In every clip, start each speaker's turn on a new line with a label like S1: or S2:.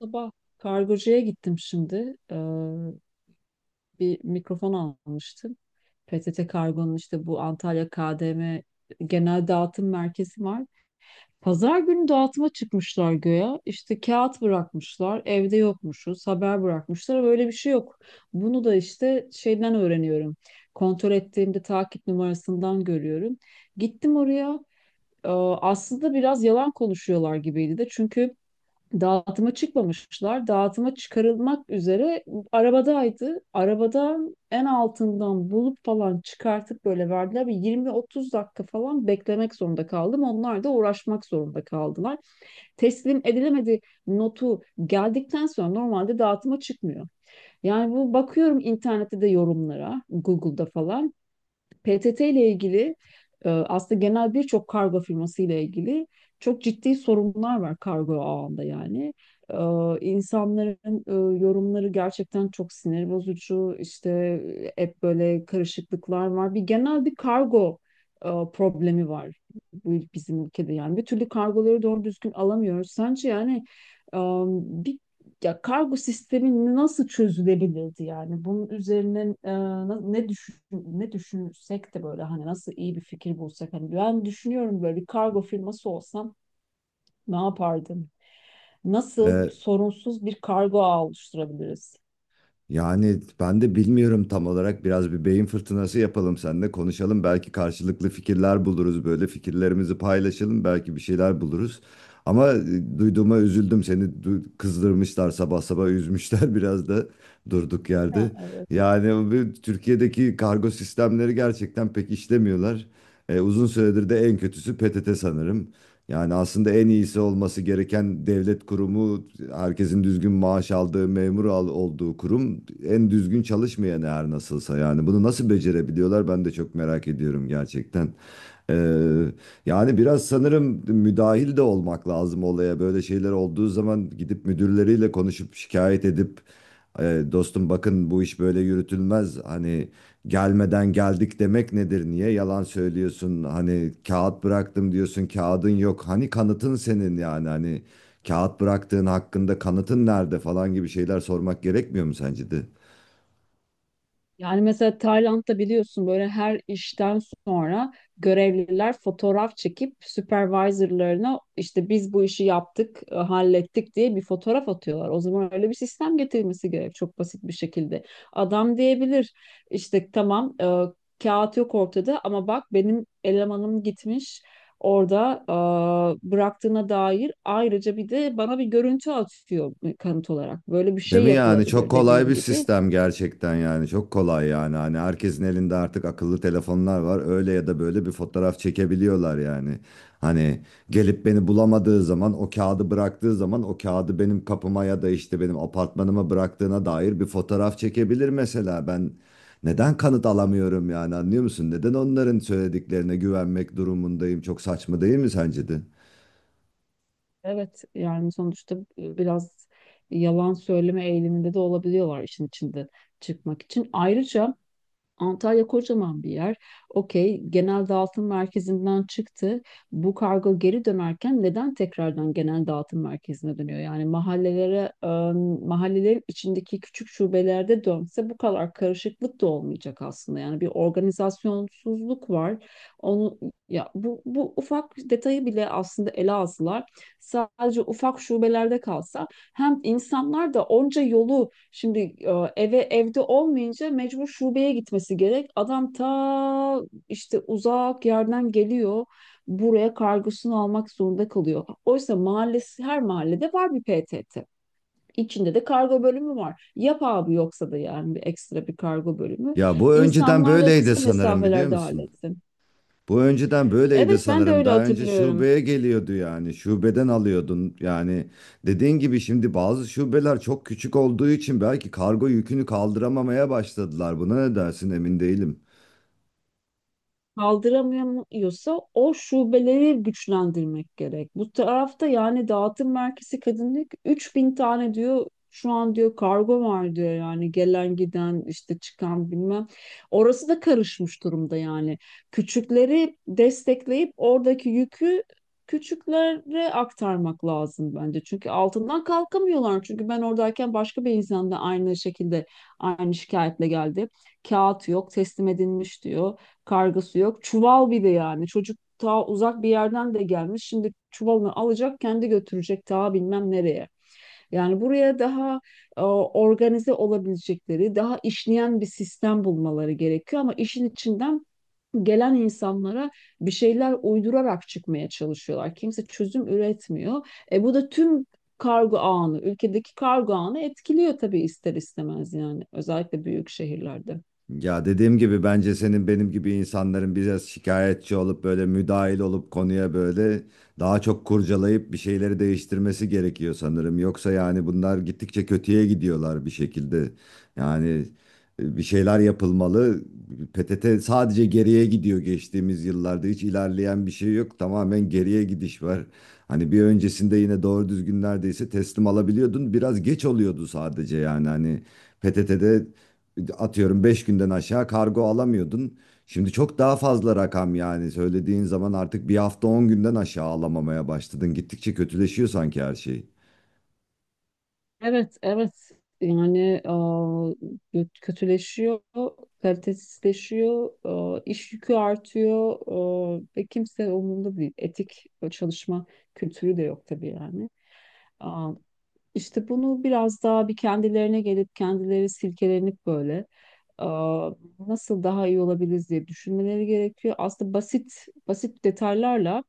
S1: Sabah kargocuya gittim şimdi. Bir mikrofon almıştım. PTT Kargo'nun işte bu Antalya KDM genel dağıtım merkezi var. Pazar günü dağıtıma çıkmışlar göya. İşte kağıt bırakmışlar. Evde yokmuşuz. Haber bırakmışlar. Böyle bir şey yok. Bunu da işte şeyden öğreniyorum. Kontrol ettiğimde takip numarasından görüyorum. Gittim oraya. Ee, Aslında biraz yalan konuşuyorlar gibiydi de. Çünkü dağıtıma çıkmamışlar. Dağıtıma çıkarılmak üzere arabadaydı. Arabadan en altından bulup falan çıkartıp böyle verdiler. Bir 20-30 dakika falan beklemek zorunda kaldım. Onlar da uğraşmak zorunda kaldılar. Teslim edilemedi notu geldikten sonra normalde dağıtıma çıkmıyor. Yani bu bakıyorum internette de yorumlara, Google'da falan. PTT ile ilgili aslında genel birçok kargo firması ile ilgili çok ciddi sorunlar var kargo ağında yani. E, insanların yorumları gerçekten çok sinir bozucu. İşte hep böyle karışıklıklar var. Bir genel bir kargo problemi var bu bizim ülkede yani. Bir türlü kargoları doğru düzgün alamıyoruz. Sence yani e, bir ya kargo sistemi nasıl çözülebilirdi yani? Bunun üzerine ne düşünsek de böyle hani nasıl iyi bir fikir bulsak hani ben düşünüyorum böyle bir kargo firması olsam ne yapardım? Nasıl
S2: Ee,
S1: sorunsuz bir kargo ağı oluşturabiliriz?
S2: Yani ben de bilmiyorum tam olarak. Biraz bir beyin fırtınası yapalım seninle konuşalım. Belki karşılıklı fikirler buluruz böyle. Fikirlerimizi paylaşalım. Belki bir şeyler buluruz. Ama duyduğuma üzüldüm. Seni kızdırmışlar sabah sabah üzmüşler biraz da durduk
S1: Ha,
S2: yerde.
S1: evet.
S2: Yani bu Türkiye'deki kargo sistemleri gerçekten pek işlemiyorlar. E, uzun süredir de en kötüsü PTT sanırım. Yani aslında en iyisi olması gereken devlet kurumu, herkesin düzgün maaş aldığı, memur olduğu kurum en düzgün çalışmayan her nasılsa. Yani bunu nasıl becerebiliyorlar ben de çok merak ediyorum gerçekten. Ee, Yani biraz sanırım müdahil de olmak lazım olaya. Böyle şeyler olduğu zaman gidip müdürleriyle konuşup şikayet edip dostum bakın bu iş böyle yürütülmez. Hani gelmeden geldik demek nedir? Niye yalan söylüyorsun? Hani kağıt bıraktım diyorsun kağıdın yok. Hani kanıtın senin yani hani kağıt bıraktığın hakkında kanıtın nerede falan gibi şeyler sormak gerekmiyor mu sence de?
S1: Yani mesela Tayland'da biliyorsun böyle her işten sonra görevliler fotoğraf çekip supervisorlarına işte biz bu işi yaptık, hallettik diye bir fotoğraf atıyorlar. O zaman öyle bir sistem getirilmesi gerek çok basit bir şekilde. Adam diyebilir işte tamam kağıt yok ortada ama bak benim elemanım gitmiş orada bıraktığına dair ayrıca bir de bana bir görüntü atıyor kanıt olarak. Böyle bir
S2: Değil
S1: şey
S2: mi yani çok
S1: yapılabilir
S2: kolay
S1: dediğin
S2: bir
S1: gibi.
S2: sistem gerçekten yani çok kolay yani hani herkesin elinde artık akıllı telefonlar var öyle ya da böyle bir fotoğraf çekebiliyorlar yani hani gelip beni bulamadığı zaman o kağıdı bıraktığı zaman o kağıdı benim kapıma ya da işte benim apartmanıma bıraktığına dair bir fotoğraf çekebilir mesela ben neden kanıt alamıyorum yani anlıyor musun neden onların söylediklerine güvenmek durumundayım çok saçma değil mi sence de?
S1: Evet, yani sonuçta biraz yalan söyleme eğiliminde de olabiliyorlar işin içinde çıkmak için. Ayrıca Antalya kocaman bir yer. Okey, genel dağıtım merkezinden çıktı. Bu kargo geri dönerken neden tekrardan genel dağıtım merkezine dönüyor? Yani mahallelere, mahallelerin içindeki küçük şubelerde dönse bu kadar karışıklık da olmayacak aslında. Yani bir organizasyonsuzluk var. Onu ya bu ufak detayı bile aslında ele alsalar sadece ufak şubelerde kalsa hem insanlar da onca yolu şimdi e, eve evde olmayınca mecbur şubeye gitmesi gerek. Adam ta işte uzak yerden geliyor. Buraya kargosunu almak zorunda kalıyor. Oysa mahallesi her mahallede var bir PTT. İçinde de kargo bölümü var. Yap abi yoksa da yani bir ekstra bir kargo bölümü.
S2: Ya bu önceden
S1: İnsanlar da
S2: böyleydi
S1: kısa
S2: sanırım biliyor
S1: mesafelerde
S2: musun?
S1: halletsin.
S2: Bu önceden böyleydi
S1: Evet, ben de
S2: sanırım.
S1: öyle
S2: Daha önce
S1: hatırlıyorum.
S2: şubeye geliyordu yani. Şubeden alıyordun. Yani dediğin gibi şimdi bazı şubeler çok küçük olduğu için belki kargo yükünü kaldıramamaya başladılar. Buna ne dersin emin değilim.
S1: Kaldıramıyorsa o şubeleri güçlendirmek gerek. Bu tarafta yani dağıtım merkezi kadınlık 3.000 tane diyor şu an, diyor kargo var diyor, yani gelen giden işte çıkan bilmem. Orası da karışmış durumda yani. Küçükleri destekleyip oradaki yükü küçüklere aktarmak lazım bence. Çünkü altından kalkamıyorlar. Çünkü ben oradayken başka bir insan da aynı şekilde aynı şikayetle geldi. Kağıt yok, teslim edilmiş diyor. Kargısı yok. Çuval bir de yani. Çocuk ta uzak bir yerden de gelmiş. Şimdi çuvalını alacak, kendi götürecek ta bilmem nereye. Yani buraya daha organize olabilecekleri, daha işleyen bir sistem bulmaları gerekiyor ama işin içinden gelen insanlara bir şeyler uydurarak çıkmaya çalışıyorlar. Kimse çözüm üretmiyor. Bu da tüm kargo ağını, ülkedeki kargo ağını etkiliyor tabii ister istemez, yani özellikle büyük şehirlerde.
S2: Ya dediğim gibi bence senin benim gibi insanların biraz şikayetçi olup böyle müdahil olup konuya böyle daha çok kurcalayıp bir şeyleri değiştirmesi gerekiyor sanırım. Yoksa yani bunlar gittikçe kötüye gidiyorlar bir şekilde. Yani bir şeyler yapılmalı. PTT sadece geriye gidiyor geçtiğimiz yıllarda. Hiç ilerleyen bir şey yok. Tamamen geriye gidiş var. Hani bir öncesinde yine doğru düzgün neredeyse teslim alabiliyordun. Biraz geç oluyordu sadece yani hani PTT'de atıyorum 5 günden aşağı kargo alamıyordun. Şimdi çok daha fazla rakam yani söylediğin zaman artık bir hafta 10 günden aşağı alamamaya başladın. Gittikçe kötüleşiyor sanki her şey.
S1: Evet, evet. Yani kötüleşiyor, kalitesizleşiyor, iş yükü artıyor, ve kimse umurunda değil. Etik çalışma kültürü de yok tabii yani. Aa, işte bunu biraz daha bir kendilerine gelip kendileri silkelenip böyle aa, nasıl daha iyi olabiliriz diye düşünmeleri gerekiyor. Aslında basit basit detaylarla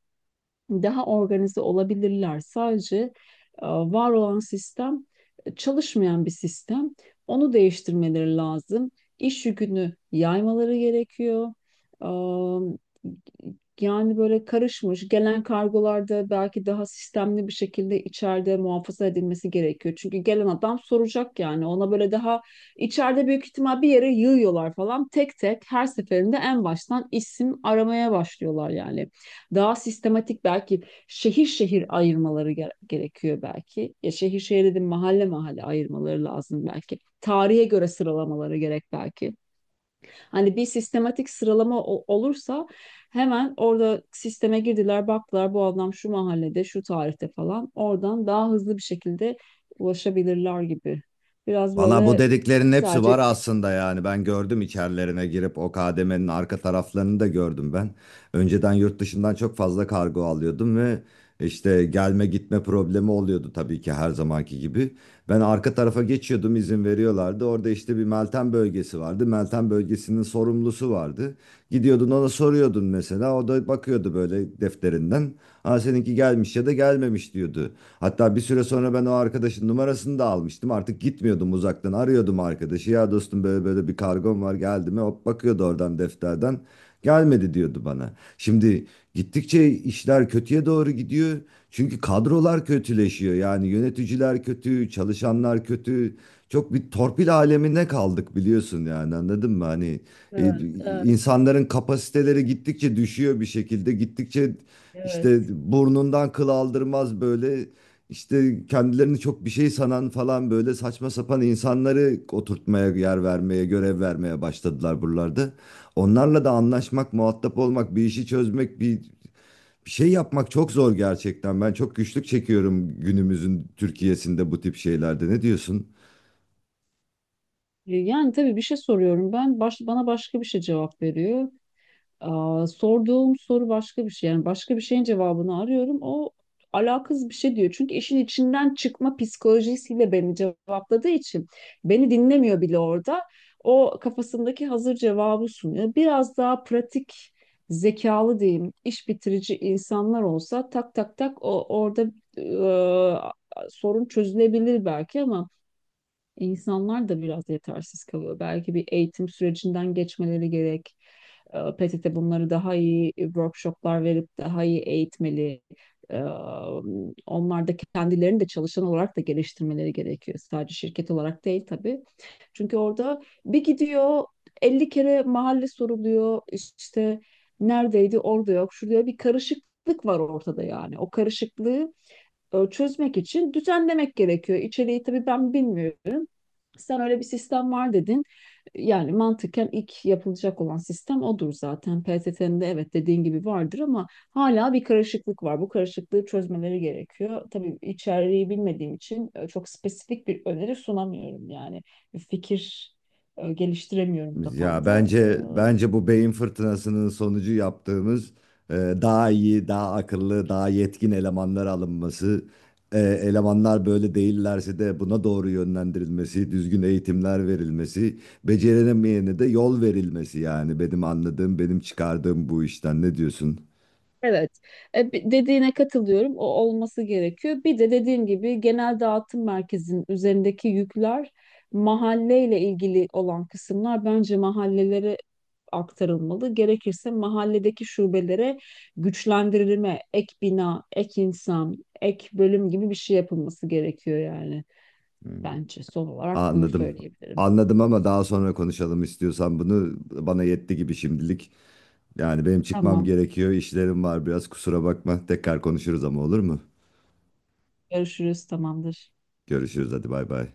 S1: daha organize olabilirler. Sadece var olan sistem çalışmayan bir sistem. Onu değiştirmeleri lazım. İş yükünü yaymaları gerekiyor. E, Yani böyle karışmış gelen kargolarda belki daha sistemli bir şekilde içeride muhafaza edilmesi gerekiyor. Çünkü gelen adam soracak yani ona böyle daha içeride büyük ihtimal bir yere yığıyorlar falan, tek tek her seferinde en baştan isim aramaya başlıyorlar yani daha sistematik belki şehir şehir ayırmaları gerekiyor belki. Ya şehir şehir dedim, mahalle mahalle ayırmaları lazım belki. Tarihe göre sıralamaları gerek belki. Hani bir sistematik sıralama olursa hemen orada sisteme girdiler, baktılar bu adam şu mahallede şu tarihte falan, oradan daha hızlı bir şekilde ulaşabilirler gibi. Biraz
S2: Valla bu
S1: böyle
S2: dediklerin hepsi var
S1: sadece.
S2: aslında yani ben gördüm içerilerine girip o kademenin arka taraflarını da gördüm ben. Önceden yurt dışından çok fazla kargo alıyordum ve işte gelme gitme problemi oluyordu tabii ki her zamanki gibi. Ben arka tarafa geçiyordum izin veriyorlardı. Orada işte bir Meltem bölgesi vardı. Meltem bölgesinin sorumlusu vardı. Gidiyordun ona soruyordun mesela. O da bakıyordu böyle defterinden. Ha seninki gelmiş ya da gelmemiş diyordu. Hatta bir süre sonra ben o arkadaşın numarasını da almıştım. Artık gitmiyordum uzaktan arıyordum arkadaşı. Ya dostum böyle böyle bir kargom var geldi mi? Hop bakıyordu oradan defterden gelmedi diyordu bana. Şimdi gittikçe işler kötüye doğru gidiyor. Çünkü kadrolar kötüleşiyor. Yani yöneticiler kötü, çalışanlar kötü. Çok bir torpil alemine kaldık biliyorsun yani anladın mı? Hani e,
S1: Evet, evet,
S2: insanların kapasiteleri gittikçe düşüyor bir şekilde. Gittikçe
S1: evet.
S2: işte burnundan kıl aldırmaz böyle işte kendilerini çok bir şey sanan falan böyle saçma sapan insanları oturtmaya, yer vermeye, görev vermeye başladılar buralarda. Onlarla da anlaşmak, muhatap olmak, bir işi çözmek, bir şey yapmak çok zor gerçekten. Ben çok güçlük çekiyorum günümüzün Türkiye'sinde bu tip şeylerde. Ne diyorsun?
S1: Yani tabii bir şey soruyorum ben, bana başka bir şey cevap veriyor. Sorduğum soru başka bir şey. Yani başka bir şeyin cevabını arıyorum. O alakasız bir şey diyor. Çünkü işin içinden çıkma psikolojisiyle beni cevapladığı için beni dinlemiyor bile orada. O kafasındaki hazır cevabı sunuyor. Biraz daha pratik, zekalı diyeyim, iş bitirici insanlar olsa tak tak tak o orada sorun çözülebilir belki ama insanlar da biraz yetersiz kalıyor. Belki bir eğitim sürecinden geçmeleri gerek. PTT bunları daha iyi workshoplar verip daha iyi eğitmeli. Ee, Onlar da kendilerini de çalışan olarak da geliştirmeleri gerekiyor. Sadece şirket olarak değil tabii. Çünkü orada bir gidiyor 50 kere mahalle soruluyor. İşte neredeydi, orada yok, şurada yok. Bir karışıklık var ortada yani. O karışıklığı çözmek için düzenlemek gerekiyor. İçeriği tabii ben bilmiyorum. Sen öyle bir sistem var dedin. Yani mantıken ilk yapılacak olan sistem odur zaten. PTT'nin de evet dediğin gibi vardır ama hala bir karışıklık var. Bu karışıklığı çözmeleri gerekiyor. Tabii içeriği bilmediğim için çok spesifik bir öneri sunamıyorum yani. Bir fikir geliştiremiyorum
S2: Ya
S1: kafamda.
S2: bence bu beyin fırtınasının sonucu yaptığımız daha iyi, daha akıllı, daha yetkin elemanlar alınması, elemanlar böyle değillerse de buna doğru yönlendirilmesi, düzgün eğitimler verilmesi, beceremeyene de yol verilmesi yani benim anladığım, benim çıkardığım bu işten. Ne diyorsun?
S1: Evet. Dediğine katılıyorum. O olması gerekiyor. Bir de dediğim gibi genel dağıtım merkezinin üzerindeki yükler, mahalleyle ilgili olan kısımlar bence mahallelere aktarılmalı. Gerekirse mahalledeki şubelere güçlendirilme, ek bina, ek insan, ek bölüm gibi bir şey yapılması gerekiyor yani. Bence son olarak bunu
S2: Anladım.
S1: söyleyebilirim.
S2: Anladım ama daha sonra konuşalım istiyorsan bunu. Bana yetti gibi şimdilik. Yani benim çıkmam
S1: Tamam,
S2: gerekiyor. İşlerim var biraz kusura bakma. Tekrar konuşuruz ama olur mu?
S1: görüşürüz, tamamdır.
S2: Görüşürüz hadi bay bay.